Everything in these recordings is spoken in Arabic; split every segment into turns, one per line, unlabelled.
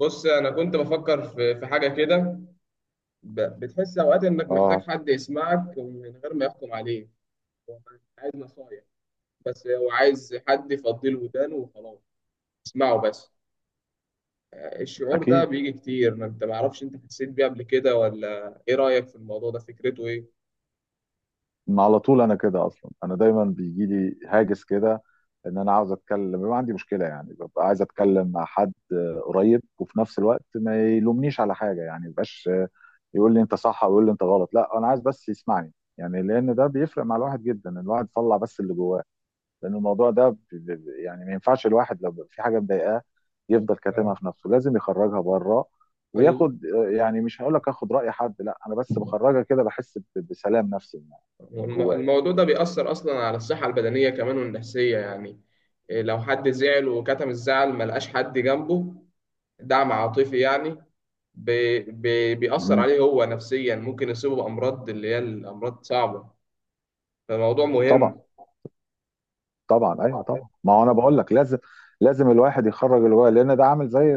بص، انا كنت بفكر في حاجه كده. بتحس اوقات انك محتاج
اه
حد يسمعك، ومن غير ما يحكم عليك. هو مش عايز نصايح، بس هو عايز حد يفضي له ودانه وخلاص. اسمعه بس. الشعور ده
اكيد.
بيجي كتير، ما انت معرفش انت حسيت بيه قبل كده ولا ايه؟ رايك في الموضوع ده فكرته ايه؟
ما على طول انا كده اصلا، انا دايما بيجي لي هاجس كده، ان انا عاوز اتكلم، بيبقى عندي مشكله يعني، ببقى عايز اتكلم مع حد قريب، وفي نفس الوقت ما يلومنيش على حاجه، يعني ما يبقاش يقول لي انت صح او يقول لي انت غلط، لا، انا عايز بس يسمعني، يعني لان ده بيفرق مع الواحد جدا، الواحد يطلع بس اللي جواه. لان الموضوع ده يعني ما ينفعش الواحد لو في حاجه مضايقاه يفضل
آه.
كاتمها في نفسه، لازم يخرجها بره.
وال-
وياخد يعني مش هقول لك اخد راي حد، لا، انا بس بخرجها كده، بحس بسلام نفسي من من جوايا يعني.
الموضوع ده بيأثر اصلا على الصحه البدنيه كمان والنفسيه يعني. إيه، لو حد زعل وكتم الزعل ملقاش حد جنبه، دعم عاطفي يعني، بي بي بيأثر
مهم.
عليه هو نفسيا، ممكن يصيبه بأمراض اللي هي الأمراض صعبة. فالموضوع
طبعا،
مهم.
طبعا، ايوه طبعا، ما هو انا بقول لك لازم، لازم الواحد يخرج اللي جواه، لان ده عامل زي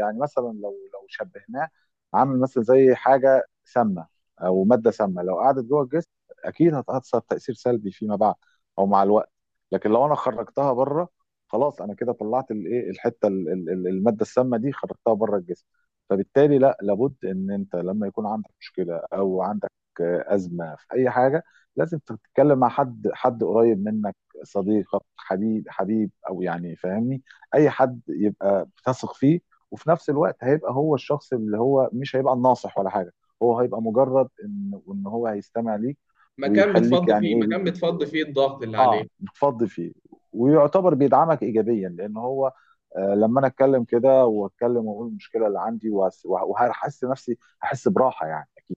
يعني مثلا لو شبهناه عامل مثلا زي حاجه سامه او ماده سامه، لو قعدت جوه الجسم اكيد هتاثر تاثير سلبي فيما بعد او مع الوقت. لكن لو انا خرجتها بره، خلاص، انا كده طلعت الايه، الحته الماده السامه دي خرجتها بره الجسم. فبالتالي لا لابد ان انت لما يكون عندك مشكله او عندك ازمه في اي حاجه لازم تتكلم مع حد، حد قريب منك، صديقك، حبيب او يعني فاهمني، اي حد يبقى بتثق فيه، وفي نفس الوقت هيبقى هو الشخص اللي هو مش هيبقى الناصح ولا حاجه، هو هيبقى مجرد ان ان هو هيستمع ليك، ويخليك يعني ايه،
مكان
بيديك،
بتفضي فيه الضغط اللي
اه
عليه.
بتفضي فيه، ويعتبر بيدعمك ايجابيا. لان هو آه، لما انا اتكلم كده واتكلم واقول المشكله اللي عندي وهحس نفسي، هحس براحه يعني، اكيد.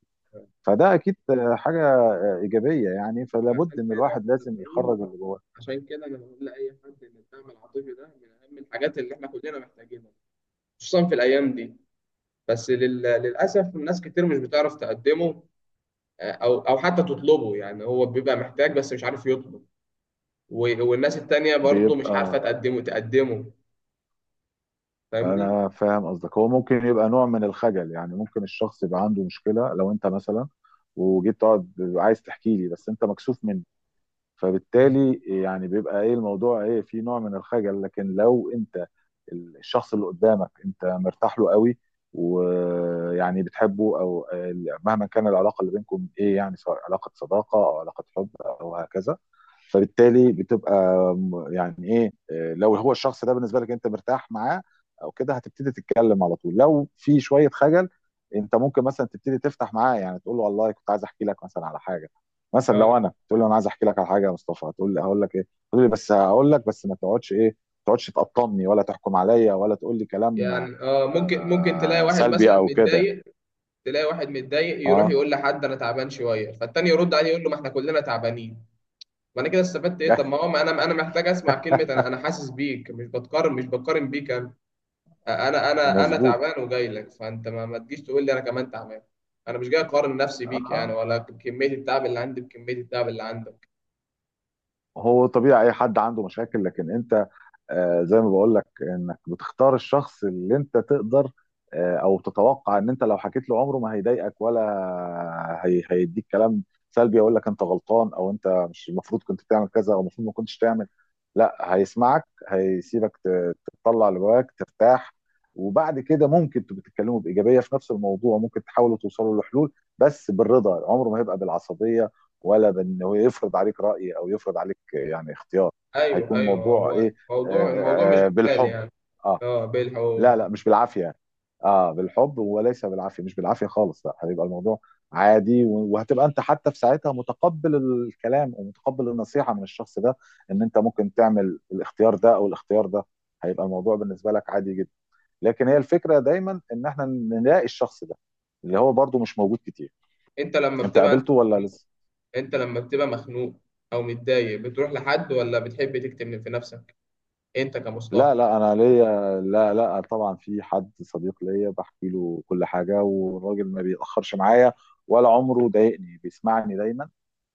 فده اكيد حاجه ايجابيه يعني، فلابد
فعشان
ان
كده
الواحد
انا
لازم
بقول
يخرج اللي جواه.
عشان كده انا بقول لاي حد ان الدعم العاطفي ده من اهم الحاجات اللي احنا كلنا محتاجينها، خصوصا في الايام دي. بس للاسف ناس كتير مش بتعرف تقدمه، او حتى تطلبه، يعني هو بيبقى محتاج بس مش عارف يطلب، والناس التانية برضه مش عارفة
بيبقى،
تقدمه. فاهمني.
انا فاهم قصدك، هو ممكن يبقى نوع من الخجل، يعني ممكن الشخص يبقى عنده مشكله، لو انت مثلا وجيت تقعد عايز تحكي لي، بس انت مكسوف من،
مم.
فبالتالي يعني بيبقى ايه الموضوع، ايه، في نوع من الخجل. لكن لو انت الشخص اللي قدامك انت مرتاح له قوي، ويعني بتحبه او مهما كان العلاقه اللي بينكم ايه، يعني سواء علاقه صداقه او علاقه حب او هكذا، فبالتالي بتبقى يعني ايه، لو هو الشخص ده بالنسبه لك انت مرتاح معاه او كده، هتبتدي تتكلم على طول. لو في شويه خجل، انت ممكن مثلا تبتدي تفتح معاه، يعني تقول له والله كنت عايز احكي لك مثلا على حاجه. مثلا
ك-
لو انا تقول لي انا عايز احكي لك على حاجه، يا مصطفى، هتقول لي هقول لك ايه، تقول لي بس هقول لك، بس ما تقعدش، ايه، ما تقعدش تقطمني ولا تحكم عليا ولا تقول لي كلام
يعني ممكن تلاقي واحد
سلبي
مثلا
او كده.
متضايق، تلاقي واحد متضايق يروح
اه.
يقول لحد: انا تعبان شويه، فالتاني يرد عليه يقول له: ما احنا كلنا تعبانين. ما انا كده استفدت ايه؟ طب ما هو ما انا محتاج اسمع كلمه: انا انا حاسس بيك، مش بقارن بيك، انا. انا
مظبوط.
تعبان وجاي لك، فانت ما تجيش تقول لي انا كمان تعبان. انا مش جاي اقارن نفسي بيك
اه،
يعني، ولا كميه التعب اللي عندي بكميه التعب اللي عندك.
هو طبيعي اي حد عنده مشاكل، لكن انت زي ما بقول لك انك بتختار الشخص اللي انت تقدر او تتوقع ان انت لو حكيت له عمره ما هيضايقك، ولا هي هيديك كلام سلبي يقول لك انت غلطان، او انت مش المفروض كنت تعمل كذا، او المفروض ما كنتش تعمل، لا، هيسمعك، هيسيبك تطلع اللي جواك ترتاح. وبعد كده ممكن تبقوا تتكلموا بايجابيه في نفس الموضوع، ممكن تحاولوا توصلوا لحلول، بس بالرضا، عمره ما هيبقى بالعصبيه ولا بانه يفرض عليك راي او يفرض عليك يعني اختيار.
ايوه،
هيكون
ايوه،
الموضوع
هو
ايه،
الموضوع مش جدال
بالحب،
يعني.
اه،
اه،
لا لا
بالحقوق.
مش بالعافيه، اه بالحب وليس بالعافيه، مش بالعافيه خالص، لا هيبقى الموضوع عادي، وهتبقى انت حتى في ساعتها متقبل الكلام، ومتقبل النصيحه من الشخص ده، ان انت ممكن تعمل الاختيار ده او الاختيار ده، هيبقى الموضوع بالنسبه لك عادي جدا. لكن هي الفكره دايما ان احنا نلاقي الشخص ده، اللي هو برضو مش موجود كتير،
انت لما
انت قابلته
بتبقى
ولا لسه؟
انت لما بتبقى مخنوق او متضايق، بتروح لحد ولا بتحب تكتم في نفسك؟ انت كمصطفى؟
لا لا، انا ليا، لا لا، طبعا في حد صديق ليا بحكي له كل حاجه، والراجل ما بيتاخرش معايا، ولا عمره ضايقني، بيسمعني دايما،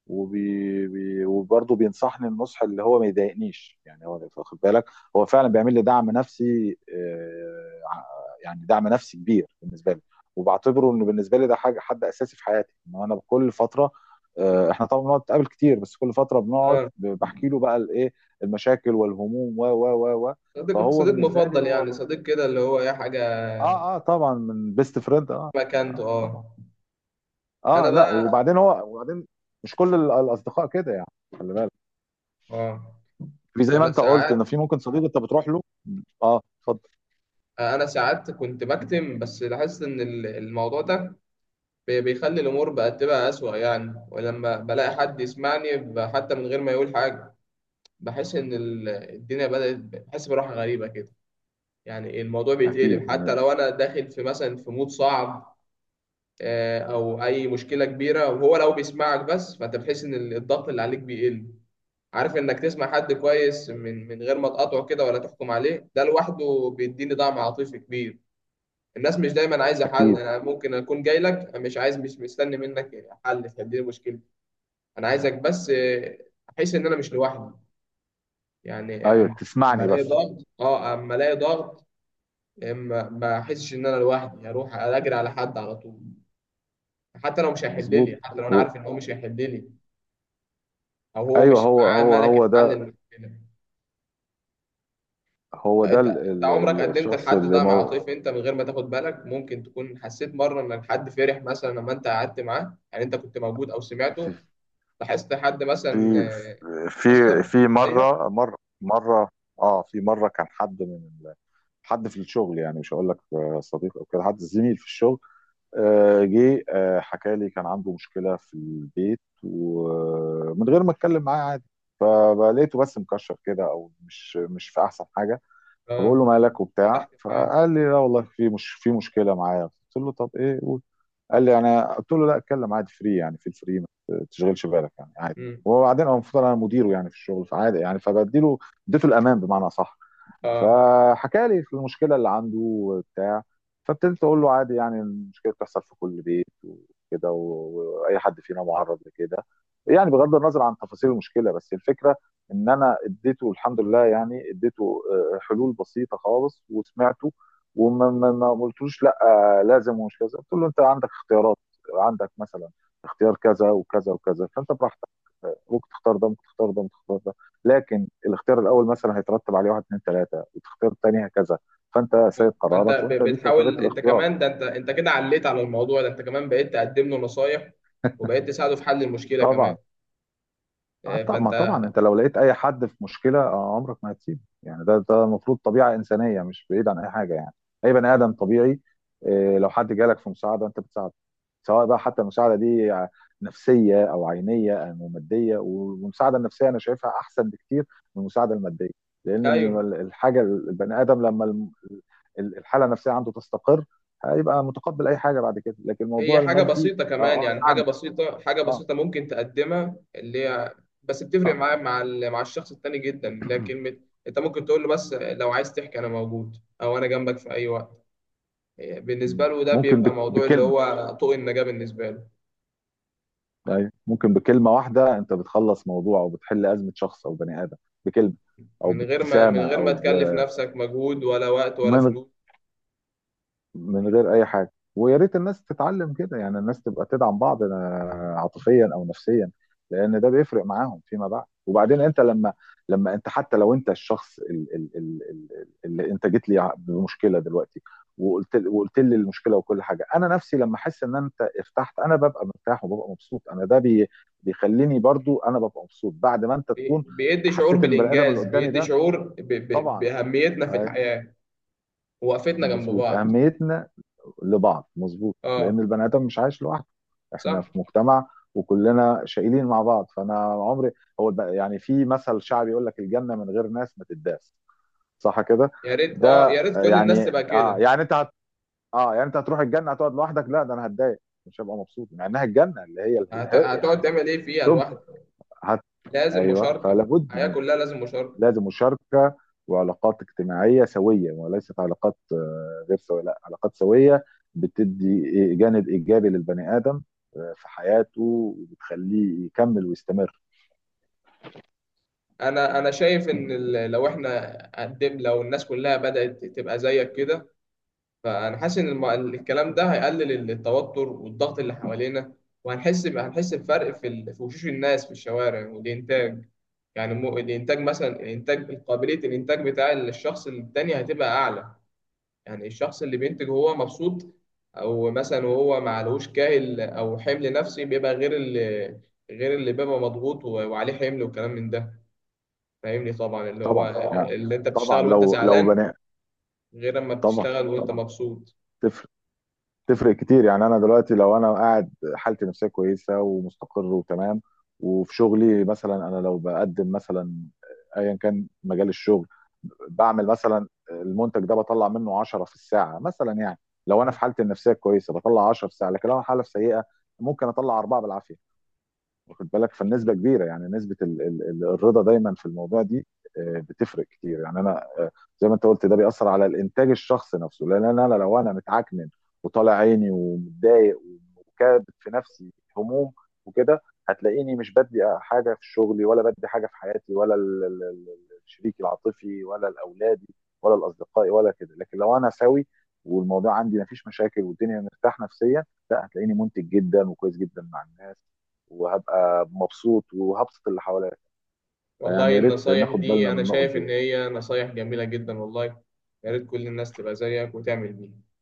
وبرضه بينصحني النصح اللي هو ما يضايقنيش، يعني هو واخد بالك، هو فعلا بيعمل لي دعم نفسي، يعني دعم نفسي كبير بالنسبه لي، وبعتبره انه بالنسبه لي ده حاجه، حد اساسي في حياتي، ان انا كل فتره احنا طبعا بنقعد نتقابل كتير، بس كل فتره بنقعد
اه.
بحكي له بقى الايه، المشاكل والهموم و و و و
صديق
فهو
صديق
بالنسبه لي
مفضل
هو
يعني،
من...
صديق كده اللي هو اي حاجه؟
اه اه طبعا، من بيست فريند، اه
مكانته،
اه
اه.
طبعا، اه،
انا
لا
بقى؟
وبعدين هو وبعدين مش كل الاصدقاء كده يعني، خلي بالك،
اه.
في زي ما
انا
انت قلت ان
ساعات
في ممكن صديق انت بتروح له. اه اتفضل.
انا ساعات كنت بكتم، بس لاحظت ان الموضوع ده بيخلي الامور بقت تبقى اسوأ يعني، ولما بلاقي حد يسمعني حتى من غير ما يقول حاجه، بحس ان الدنيا بدأت، بحس براحه غريبه كده. يعني الموضوع
اكيد
بيتقلب، حتى لو انا داخل في مثلا في مود صعب او اي مشكله كبيره، وهو لو بيسمعك بس فانت بتحس ان الضغط اللي عليك بيقل. عارف انك تسمع حد كويس، من غير ما تقاطعه كده ولا تحكم عليه، ده لوحده بيديني دعم عاطفي كبير. الناس مش دايما عايزه حل.
اكيد،
انا ممكن اكون جاي لك مش مستني منك حل تحل لي مشكلتي. انا عايزك بس احس ان انا مش لوحدي. يعني
ايوه،
أما أما
تسمعني
الاقي
بس،
ضغط اه اما الاقي ضغط، ما احسش ان انا لوحدي، اروح اجري على حد على طول.
مظبوط،
حتى لو انا
و-
عارف ان هو مش هيحل لي، او هو
ايوه،
مش معاه
هو
ملكه حل
ده،
المشكله.
هو ده
فانت انت عمرك قدمت
الشخص
الحد
اللي
ده مع
مو،
طيف؟ انت من غير ما تاخد بالك ممكن تكون حسيت مره ان الحد فرح مثلا لما انت قعدت معاه، يعني انت كنت موجود او
في
سمعته، لاحظت حد مثلا
في في
اتاثر،
في
اتغير؟
مره، مره اه، في مره كان حد من ال- حد في الشغل يعني، مش هقول لك صديق او كده، حد زميل في الشغل، جه حكى لي، كان عنده مشكله في البيت، ومن غير ما اتكلم معاه عادي فلقيته بس مكشر كده، او مش في احسن حاجه،
اه،
فبقول له مالك وبتاع،
فتحت معاه.
فقال لي لا والله مش في مشكله معايا، قلت له طب ايه قول، قال لي انا، قلت له لا اتكلم عادي فري، يعني في الفري، ما تشغلش بالك يعني، عادي.
امم.
وبعدين هو المفروض انا مديره يعني في الشغل، فعادي يعني، فبديله، اديته الامان بمعنى صح،
اه.
فحكى لي في المشكله اللي عنده وبتاع، فابتديت اقول له عادي يعني، المشكله بتحصل في كل بيت وكده، واي حد فينا معرض لكده يعني، بغض النظر عن تفاصيل المشكله، بس الفكره ان انا اديته الحمد لله، يعني اديته حلول بسيطه خالص، وسمعته، وما ما ما قلتلوش لا لازم ومش كذا، قلت له انت عندك اختيارات، عندك مثلا اختيار كذا وكذا وكذا، فانت براحتك، ممكن تختار ده، ممكن تختار ده، ممكن تختار ده. لكن الاختيار الاول مثلا هيترتب عليه واحد اتنين تلاته، والاختيار التاني هكذا، فانت سيد
فانت
قرارك، وانت ليك حريه
بتحاول انت
الاختيار.
كمان، ده انت كده عليت على الموضوع ده، انت كمان بقيت تقدم له نصايح، وبقيت تساعده في حل المشكله كمان.
طبعا. اه،
آه،
طب
فانت
ما طبعا انت لو لقيت اي حد في مشكله عمرك ما هتسيبه يعني، ده ده المفروض طبيعه انسانيه، مش بعيد عن اي حاجه يعني، اي بني
آه،
ادم طبيعي، لو حد جالك في مساعده انت بتساعده، سواء بقى حتى المساعده دي نفسيه او عينيه او ماديه. والمساعده النفسيه انا شايفها احسن بكتير من المساعده الماديه، لان
ايوه،
الحاجه البني ادم لما الحاله النفسيه عنده تستقر، هيبقى متقبل اي حاجه بعد كده. لكن
هي
الموضوع
حاجة
المادي،
بسيطة كمان
اه اه
يعني، حاجة
نعم،
بسيطة،
اه
ممكن تقدمها، اللي هي بس بتفرق
اه،
معاه مع مع الشخص التاني جدا، اللي هي كلمة. انت ممكن تقول له بس: لو عايز تحكي انا موجود، او انا جنبك في اي وقت. بالنسبة
مم.
له ده
ممكن
بيبقى موضوع اللي
بكلمه،
هو طوق النجاة بالنسبة له،
ايوه، ممكن بكلمه واحده انت بتخلص موضوع، او بتحل ازمه شخص او بني ادم بكلمه، او
من
بابتسامه،
غير ما
او ب...
تكلف نفسك مجهود ولا وقت ولا
من،
فلوس.
من غير اي حاجه، ويا ريت الناس تتعلم كده، يعني الناس تبقى تدعم بعض عاطفيا او نفسيا، لان ده بيفرق معاهم فيما بعد. وبعدين انت لما، لما انت حتى لو انت الشخص اللي انت جيت لي بمشكله دلوقتي، وقلت لي المشكله وكل حاجه، انا نفسي لما احس ان انت ارتحت، انا ببقى مرتاح وببقى مبسوط انا، ده بيخليني برضو انا ببقى مبسوط بعد ما انت تكون
بيدي شعور
حسيت ان البني ادم اللي
بالإنجاز،
قدامي
بيدي
ده،
شعور
طبعا،
بأهميتنا في
آه،
الحياة، ووقفتنا جنب
مظبوط،
بعض.
اهميتنا لبعض، مظبوط، لان
اه،
البني ادم مش عايش لوحده، احنا
صح.
في مجتمع، وكلنا شايلين مع بعض، فانا عمري، هو يعني في مثل شعبي يقول لك الجنه من غير ناس ما تداس، صح كده، ده
يا ريت كل الناس
يعني
تبقى
اه،
كده.
يعني انت هت... اه يعني انت هتروح الجنه هتقعد لوحدك؟ لا ده انا هتضايق، مش هبقى مبسوط، مع انها الجنه، اللي هي
هتقعد
يعني،
تعمل ايه فيها
طب
لوحدك؟
هت...
لازم
ايوه
مشاركه. الحياه
فلابد،
كلها لازم مشاركه.
لازم مشاركه، وعلاقات اجتماعيه سويه، وليست علاقات غير سويه، لا علاقات سويه، بتدي جانب ايجابي للبني ادم في حياته، وبتخليه يكمل ويستمر.
انا شايف ان ال- لو احنا قدم لو الناس كلها بدات تبقى زيك كده، فانا حاسس ان الكلام ده هيقلل التوتر والضغط اللي حوالينا، هنحس بفرق في في وشوش الناس في الشوارع والانتاج. يعني الانتاج مثلا، الانتاج قابليه الانتاج بتاع الشخص التاني هتبقى اعلى. يعني الشخص اللي بينتج وهو مبسوط، او مثلا وهو معلهوش كاهل او حمل نفسي، بيبقى غير اللي بيبقى مضغوط وعليه حمل وكلام من ده. فاهمني، طبعا اللي هو
طبعا يعني،
اللي انت
طبعا،
بتشتغل وانت
لو
زعلان،
بني،
غير اما
طبعا
بتشتغل وانت
طبعا،
مبسوط.
تفرق، تفرق كتير يعني. انا دلوقتي لو انا قاعد حالتي النفسيه كويسه ومستقر وتمام، وفي شغلي مثلا، انا لو بقدم مثلا ايا كان مجال الشغل، بعمل مثلا المنتج ده بطلع منه 10 في الساعه مثلا يعني. لو انا
م.
في حالتي النفسيه كويسه بطلع 10 في الساعه، لكن لو انا حاله سيئه ممكن اطلع اربعه بالعافيه، واخد بالك؟ فالنسبه كبيره يعني، نسبه ال ال ال الرضا دايما في الموضوع دي بتفرق كتير يعني. انا زي ما انت قلت، ده بيأثر على الانتاج الشخصي نفسه، لان أنا لو انا متعكنن وطالع عيني ومتضايق، وكابت في نفسي هموم وكده، هتلاقيني مش بدي حاجه في شغلي، ولا بدي حاجه في حياتي، ولا الشريك العاطفي، ولا الاولادي، ولا الاصدقاء ولا كده. لكن لو انا سوي والموضوع عندي مفيش مشاكل، والدنيا مرتاح نفسيا، لا هتلاقيني منتج جدا وكويس جدا مع الناس، وهبقى مبسوط وهبسط اللي حواليا. فيعني
والله
يا ريت
النصايح
ناخد بالنا
دي
من
انا
النقط
شايف ان
دي.
هي نصايح جميلة جدا والله. يا ريت كل الناس تبقى زيك وتعمل بيها.